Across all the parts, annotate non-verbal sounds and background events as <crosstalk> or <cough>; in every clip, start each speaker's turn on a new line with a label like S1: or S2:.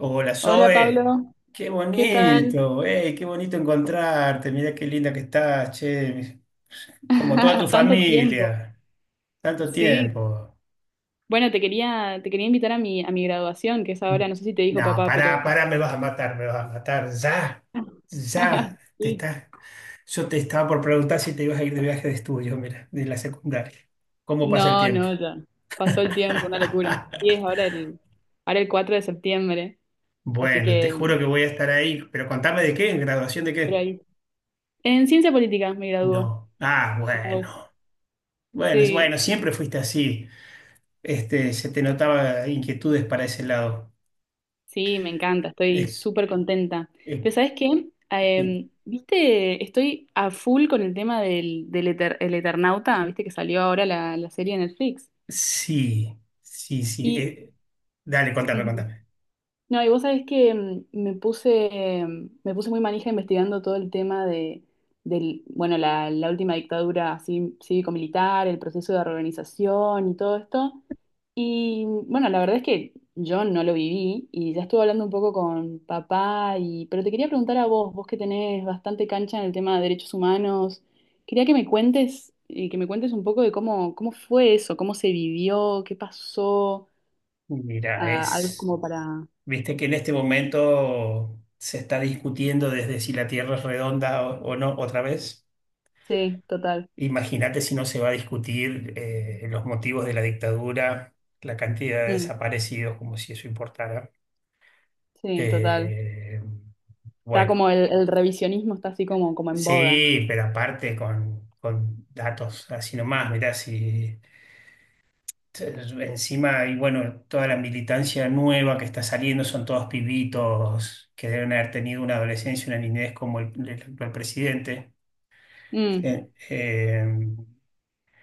S1: Hola
S2: Hola
S1: Zoe,
S2: Pablo,
S1: qué
S2: ¿qué tal?
S1: bonito, ey, qué bonito encontrarte, mira qué linda que estás, che, como toda tu
S2: <laughs> Tanto tiempo.
S1: familia, tanto
S2: Sí.
S1: tiempo.
S2: Bueno, te quería invitar a a mi graduación, que es ahora, no sé si te dijo
S1: No,
S2: papá,
S1: pará,
S2: pero
S1: pará, me vas a matar, me vas a matar, ya, ya,
S2: <laughs>
S1: te
S2: sí.
S1: estás, yo te estaba por preguntar si te ibas a ir de viaje de estudio, mira, de la secundaria, ¿cómo pasa el
S2: No,
S1: tiempo?
S2: no, ya. Pasó
S1: <laughs>
S2: el tiempo, una locura. Sí, es ahora el 4 de septiembre, así
S1: Bueno, te
S2: que
S1: juro que voy a estar ahí, pero contame de qué, ¿en graduación de
S2: por
S1: qué?
S2: ahí. En ciencia política me graduó.
S1: No, ah, bueno. Bueno,
S2: Sí,
S1: bueno, siempre fuiste así. Este, se te notaba inquietudes para ese lado.
S2: sí, me encanta, estoy
S1: Eh,
S2: súper contenta.
S1: eh,
S2: Pero ¿sabes qué?
S1: sí,
S2: Viste, estoy a full con el tema del, del Eter- el Eternauta, viste que salió ahora la serie de Netflix.
S1: sí, sí. Sí,
S2: Y,
S1: dale, contame,
S2: Ujú.
S1: contame.
S2: No, y vos sabés que me puse muy manija investigando todo el tema del bueno, la última dictadura así cívico-militar, el proceso de reorganización y todo esto. Y bueno, la verdad es que yo no lo viví y ya estuve hablando un poco con papá y pero te quería preguntar a vos, vos que tenés bastante cancha en el tema de derechos humanos, quería que me cuentes y que me cuentes un poco de cómo fue eso, cómo se vivió, qué pasó,
S1: Mira,
S2: ah, algo como para...
S1: viste que en este momento se está discutiendo desde si la Tierra es redonda o no otra vez.
S2: Sí, total.
S1: Imagínate si no se va a discutir los motivos de la dictadura, la cantidad de
S2: Mm,
S1: desaparecidos, como si eso importara.
S2: sí, total.
S1: Eh,
S2: Está
S1: bueno.
S2: como el revisionismo está así como en boga.
S1: Sí, pero aparte con datos así nomás, mirá, si t- encima hay, bueno, toda la militancia nueva que está saliendo son todos pibitos que deben haber tenido una adolescencia, una niñez como el actual presidente.
S2: Mm,
S1: Gen- em,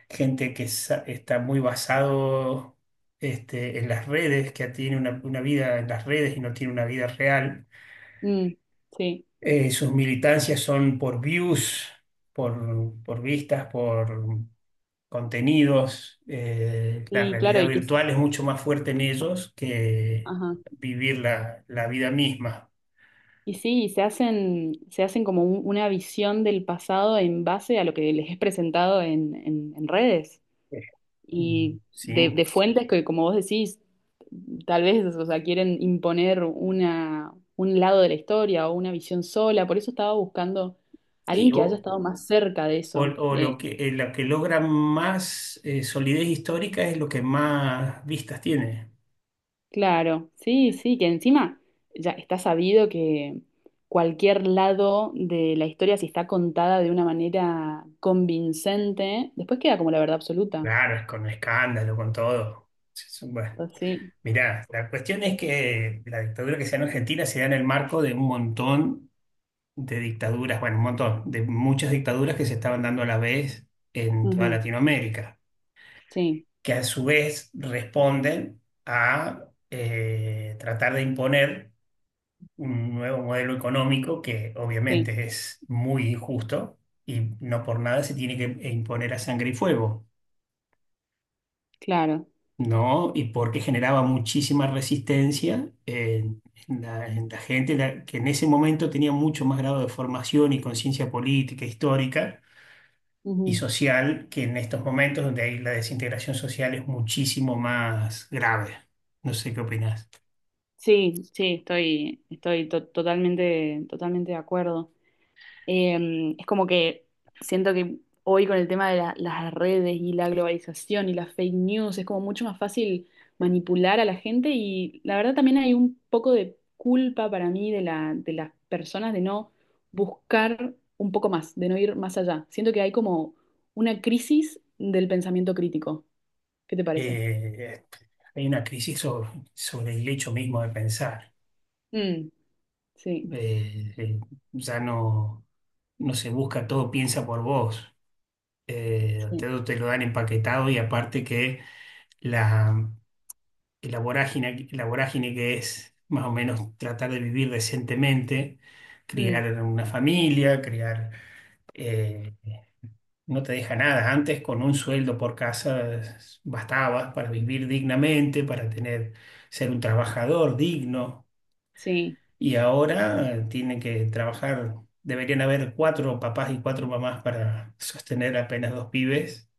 S1: Gente que está muy basado este, en las redes, que tiene una vida en las redes y no tiene una vida real.
S2: mm, sí.
S1: Sus militancias son por views, por vistas, por contenidos, la
S2: Y claro,
S1: realidad
S2: y que
S1: virtual es mucho más fuerte en ellos que
S2: ajá.
S1: vivir la vida misma.
S2: Y sí, y se hacen como una visión del pasado en base a lo que les es presentado en redes
S1: Eh,
S2: y de,
S1: Sí,
S2: de fuentes que, como vos decís, tal vez, o sea, quieren imponer un lado de la historia o una visión sola. Por eso estaba buscando a alguien
S1: sí,
S2: que haya estado
S1: o,
S2: más cerca de
S1: o-
S2: eso.
S1: o lo que, la que logra más solidez histórica es lo que más vistas tiene.
S2: Claro, sí, sí, que encima ya está sabido que cualquier lado de la historia, si está contada de una manera convincente, después queda como la verdad absoluta.
S1: Claro, es con escándalo, con todo. Sí, sí. Bueno,
S2: Pues sí,
S1: mirá, la cuestión es que la dictadura que se da en Argentina se da en el marco de un montón de dictaduras, bueno, un montón, de muchas dictaduras que se estaban dando a la vez en toda
S2: ujú,
S1: Latinoamérica,
S2: sí,
S1: que a su vez responden a tratar de imponer un nuevo modelo económico que
S2: sí,
S1: obviamente es muy injusto y no por nada se tiene que imponer a sangre y fuego,
S2: claro.
S1: ¿no? Y porque generaba muchísima resistencia en la gente que en ese momento tenía mucho más grado de formación y conciencia política, histórica y
S2: Ujú.
S1: social, que en estos momentos donde hay la desintegración social es muchísimo más grave. No sé qué opinás.
S2: Sí, sí, estoy, totalmente de acuerdo. Es como que siento que hoy con el tema de las redes y la globalización y las fake news es como mucho más fácil manipular a la gente y la verdad también hay un poco de culpa para mí de las personas de no buscar un poco más, de no ir más allá. Siento que hay como una crisis del pensamiento crítico. ¿Qué te parece?
S1: Eh, Hay una crisis sobre, sobre el hecho mismo de pensar.
S2: Mm, sí,
S1: Eh, eh, ya no, se busca, todo piensa por vos. Eh,
S2: sí,
S1: te, lo te lo dan empaquetado y aparte que la, la vorágine que es más o menos tratar de vivir decentemente,
S2: mm,
S1: criar una familia, eh, no te deja nada. Antes con un sueldo por casa bastaba para vivir dignamente, para tener, ser un trabajador digno.
S2: sí,
S1: Y ahora tienen que trabajar, deberían haber cuatro papás y cuatro mamás para sostener apenas dos pibes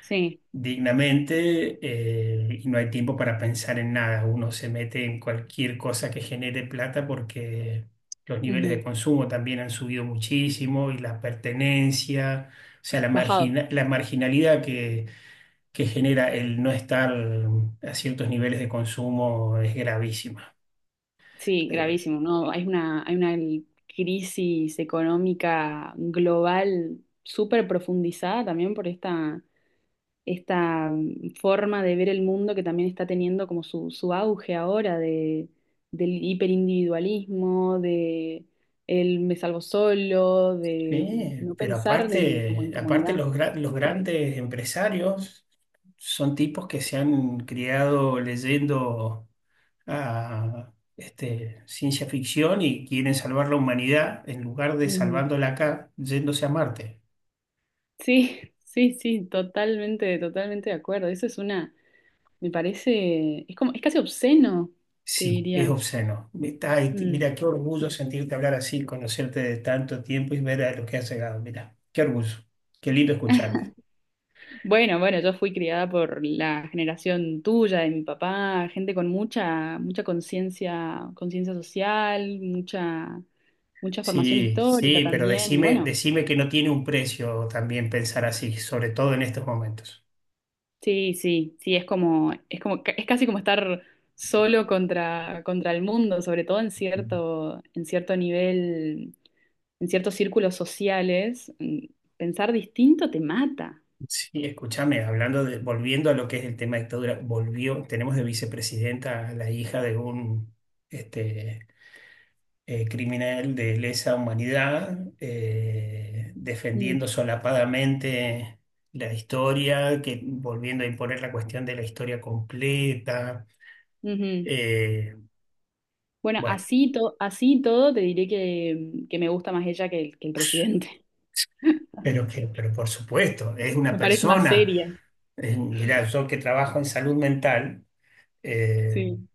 S2: sí,
S1: dignamente y no hay tiempo para pensar en nada. Uno se mete en cualquier cosa que genere plata porque los niveles
S2: ujú,
S1: de consumo también han subido muchísimo y la pertenencia, o sea,
S2: bajado.
S1: la marginalidad que genera el no estar a ciertos niveles de consumo es gravísima.
S2: Sí,
S1: Eh,
S2: gravísimo, ¿no? Hay una crisis económica global súper profundizada también por esta mm, forma de ver el mundo que también está teniendo como su auge ahora de, del hiperindividualismo, de el me salvo solo, de
S1: sí,
S2: mm, no
S1: pero
S2: pensar en, como
S1: aparte,
S2: en
S1: aparte
S2: comunidad.
S1: los grandes empresarios son tipos que se han criado leyendo a este, ciencia ficción y quieren salvar la humanidad en lugar de
S2: Ujú.
S1: salvándola acá, yéndose a Marte.
S2: Sí, <laughs> sí, sí, totalmente de acuerdo. Eso es una, me parece, es como, es casi obsceno, te
S1: Sí, es
S2: diría.
S1: obsceno. Ay,
S2: Mm.
S1: mira, qué orgullo sentirte hablar así, conocerte de tanto tiempo y ver a lo que has llegado. Mira, qué orgullo. Qué lindo
S2: <laughs>
S1: escucharte.
S2: Bueno, bueno, yo fui criada por la generación tuya, de mi papá, gente con mucha conciencia, conciencia social, mucha formación
S1: Sí,
S2: histórica
S1: sí, pero
S2: también. Y
S1: decime,
S2: bueno,
S1: decime que no tiene un precio también pensar así, sobre todo en estos momentos.
S2: sí, sí, sí, es como, es casi como estar contra el mundo, sobre todo en cierto nivel, en ciertos círculos sociales. Mm, pensar distinto te mata.
S1: Sí, escúchame, hablando de, volviendo a lo que es el tema de dictadura, volvió, tenemos de vicepresidenta a la hija de un este, criminal de lesa humanidad,
S2: Mm,
S1: defendiendo solapadamente la historia, que, volviendo a imponer la cuestión de la historia completa.
S2: ujú.
S1: eh,
S2: Bueno,
S1: bueno,
S2: así, así y todo te diré que me gusta más ella que que el presidente. <laughs>
S1: pero por supuesto, es una
S2: Me parece más
S1: persona,
S2: seria.
S1: mirá, yo que trabajo en salud mental. eh,
S2: Sí.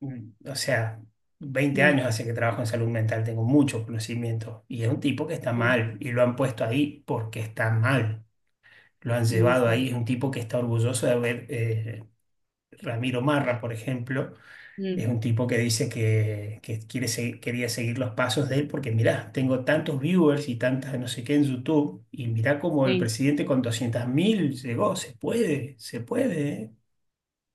S1: o sea, veinte
S2: Mm,
S1: años hace que trabajo en salud mental, tengo mucho conocimiento y es un tipo que está
S2: sí.
S1: mal y lo han puesto ahí porque está mal, lo han
S2: No,
S1: llevado
S2: sí.
S1: ahí, es un tipo que está orgulloso de haber. Ramiro Marra, por ejemplo,
S2: Mm,
S1: es un tipo que dice que quiere quería seguir los pasos de él porque mirá, tengo tantos viewers y tantas no sé qué en YouTube y mirá cómo el
S2: sí.
S1: presidente con 200.000 llegó, se puede, ¿eh?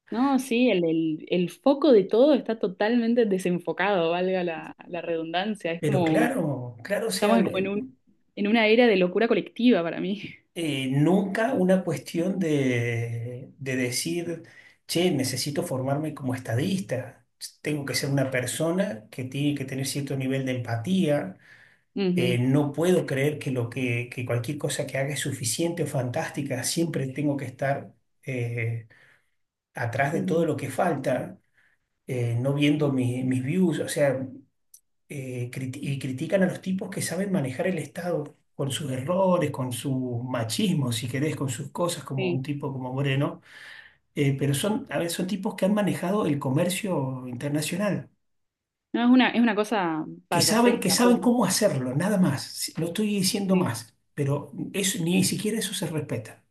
S2: No, sí, el foco de todo está totalmente desenfocado, valga la redundancia. Es
S1: Pero
S2: como,
S1: claro, claro, o sea,
S2: estamos como en un, en una era de locura colectiva para mí.
S1: nunca una cuestión de decir, che, necesito formarme como estadista, tengo que ser una persona que tiene que tener cierto nivel de empatía,
S2: <laughs> Ujú,
S1: no puedo creer que cualquier cosa que haga es suficiente o fantástica, siempre tengo que estar eh, atrás de todo
S2: ujú,
S1: lo que falta, no viendo
S2: sí,
S1: mis views, o sea y critican a los tipos que saben manejar el Estado con sus errores, con su machismo, si querés, con sus cosas, como un
S2: sí.
S1: tipo como Moreno. Pero son, a ver, son tipos que han manejado el comercio internacional,
S2: No, es una cosa
S1: que
S2: payasesca, pero
S1: saben cómo hacerlo, nada más. No estoy diciendo
S2: sí.
S1: más, pero eso, ni siquiera eso se respeta.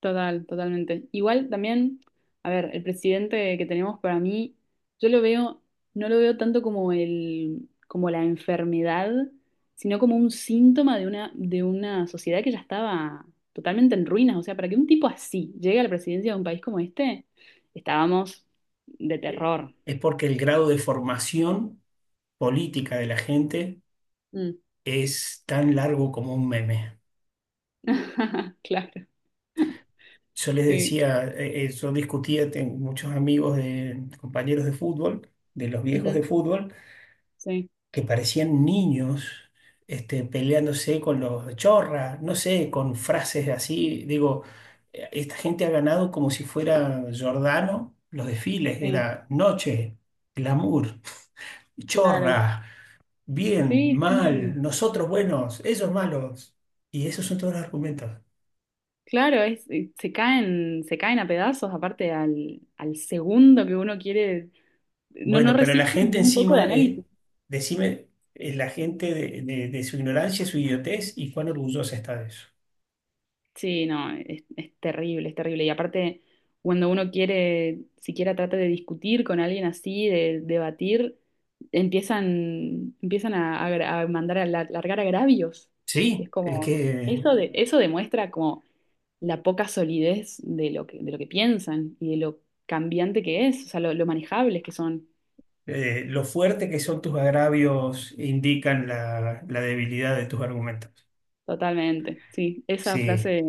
S2: Total, totalmente. Igual también, a ver, el presidente que tenemos para mí, yo lo veo, no lo veo tanto como como la enfermedad, sino como un síntoma de una sociedad que ya estaba totalmente en ruinas. O sea, para que un tipo así llegue a la presidencia de un país como este, estábamos de
S1: Eh,
S2: terror.
S1: Es porque el grado de formación política de la gente
S2: Mm.
S1: es tan largo como un meme.
S2: <laughs> Claro,
S1: Yo les
S2: sí.
S1: decía, yo discutía, tengo muchos amigos de compañeros de fútbol, de los viejos de
S2: Ujú.
S1: fútbol,
S2: Sí,
S1: que parecían niños, este, peleándose con los chorras, no sé, con frases así. Digo, esta gente ha ganado como si fuera Giordano los desfiles,
S2: sí,
S1: era noche, glamour,
S2: claro.
S1: chorra, bien,
S2: Sí, sí.
S1: mal, nosotros buenos, ellos malos. Y esos son todos los argumentos.
S2: Claro, es, se caen a pedazos, aparte al segundo que uno quiere, no, no
S1: Bueno, pero la
S2: resiste
S1: gente
S2: ni un poco de
S1: encima,
S2: análisis.
S1: decime, la gente de su ignorancia, su idiotez y cuán orgullosa está de eso.
S2: Sí, no, es terrible, es terrible. Y aparte, cuando uno quiere, siquiera trata de discutir con alguien así, de debatir, empiezan a, largar agravios. Es
S1: Sí, es
S2: como,
S1: que
S2: eso de, eso demuestra como la poca solidez de lo que piensan y de lo cambiante que es, o sea, lo manejables que son.
S1: lo fuerte que son tus agravios indican la debilidad de tus argumentos.
S2: Totalmente, sí,
S1: Sí,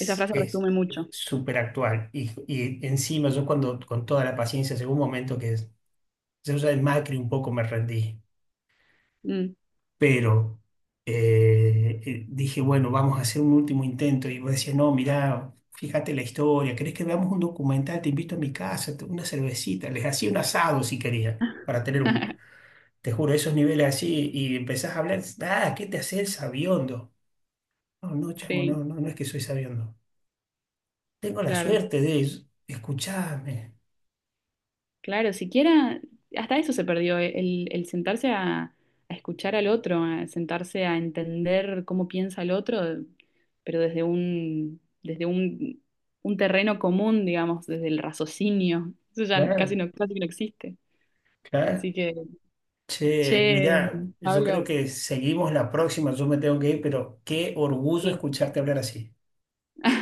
S2: esa frase
S1: es
S2: resume mucho.
S1: súper actual. Y encima yo cuando con toda la paciencia, llegó un momento que yo ya en Macri un poco me rendí.
S2: Mm.
S1: Pero dije, bueno, vamos a hacer un último intento. Y vos decías, no, mirá, fíjate la historia, ¿querés que veamos un documental? Te invito a mi casa, una cervecita. Les hacía un asado si querían, para tener un,
S2: <laughs>
S1: te juro, esos niveles así. Y empezás a hablar, ah, ¿qué te haces sabiondo? No, no, chamo,
S2: Sí,
S1: no, no, no es que soy sabiondo. Tengo la
S2: claro,
S1: suerte de escucharme.
S2: claro, siquiera, hasta eso se perdió, el sentarse a escuchar al otro, a sentarse a entender cómo piensa el otro, pero desde un terreno común, digamos, desde el raciocinio. Eso ya
S1: Claro,
S2: casi no existe.
S1: claro.
S2: Así que,
S1: Che,
S2: che,
S1: mirá, yo creo
S2: Pablo,
S1: que seguimos la próxima, yo me tengo que ir, pero qué orgullo
S2: sí.
S1: escucharte hablar así.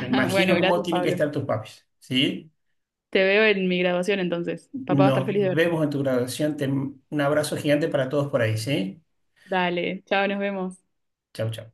S1: Me
S2: Bueno,
S1: imagino cómo
S2: gracias,
S1: tienen que
S2: Pablo.
S1: estar tus papis, ¿sí?
S2: Te veo en mi graduación entonces. Papá va a estar
S1: Nos
S2: feliz de verte.
S1: vemos en tu graduación. Un abrazo gigante para todos por ahí, ¿sí?
S2: Dale, chao, nos vemos.
S1: Chau, chau.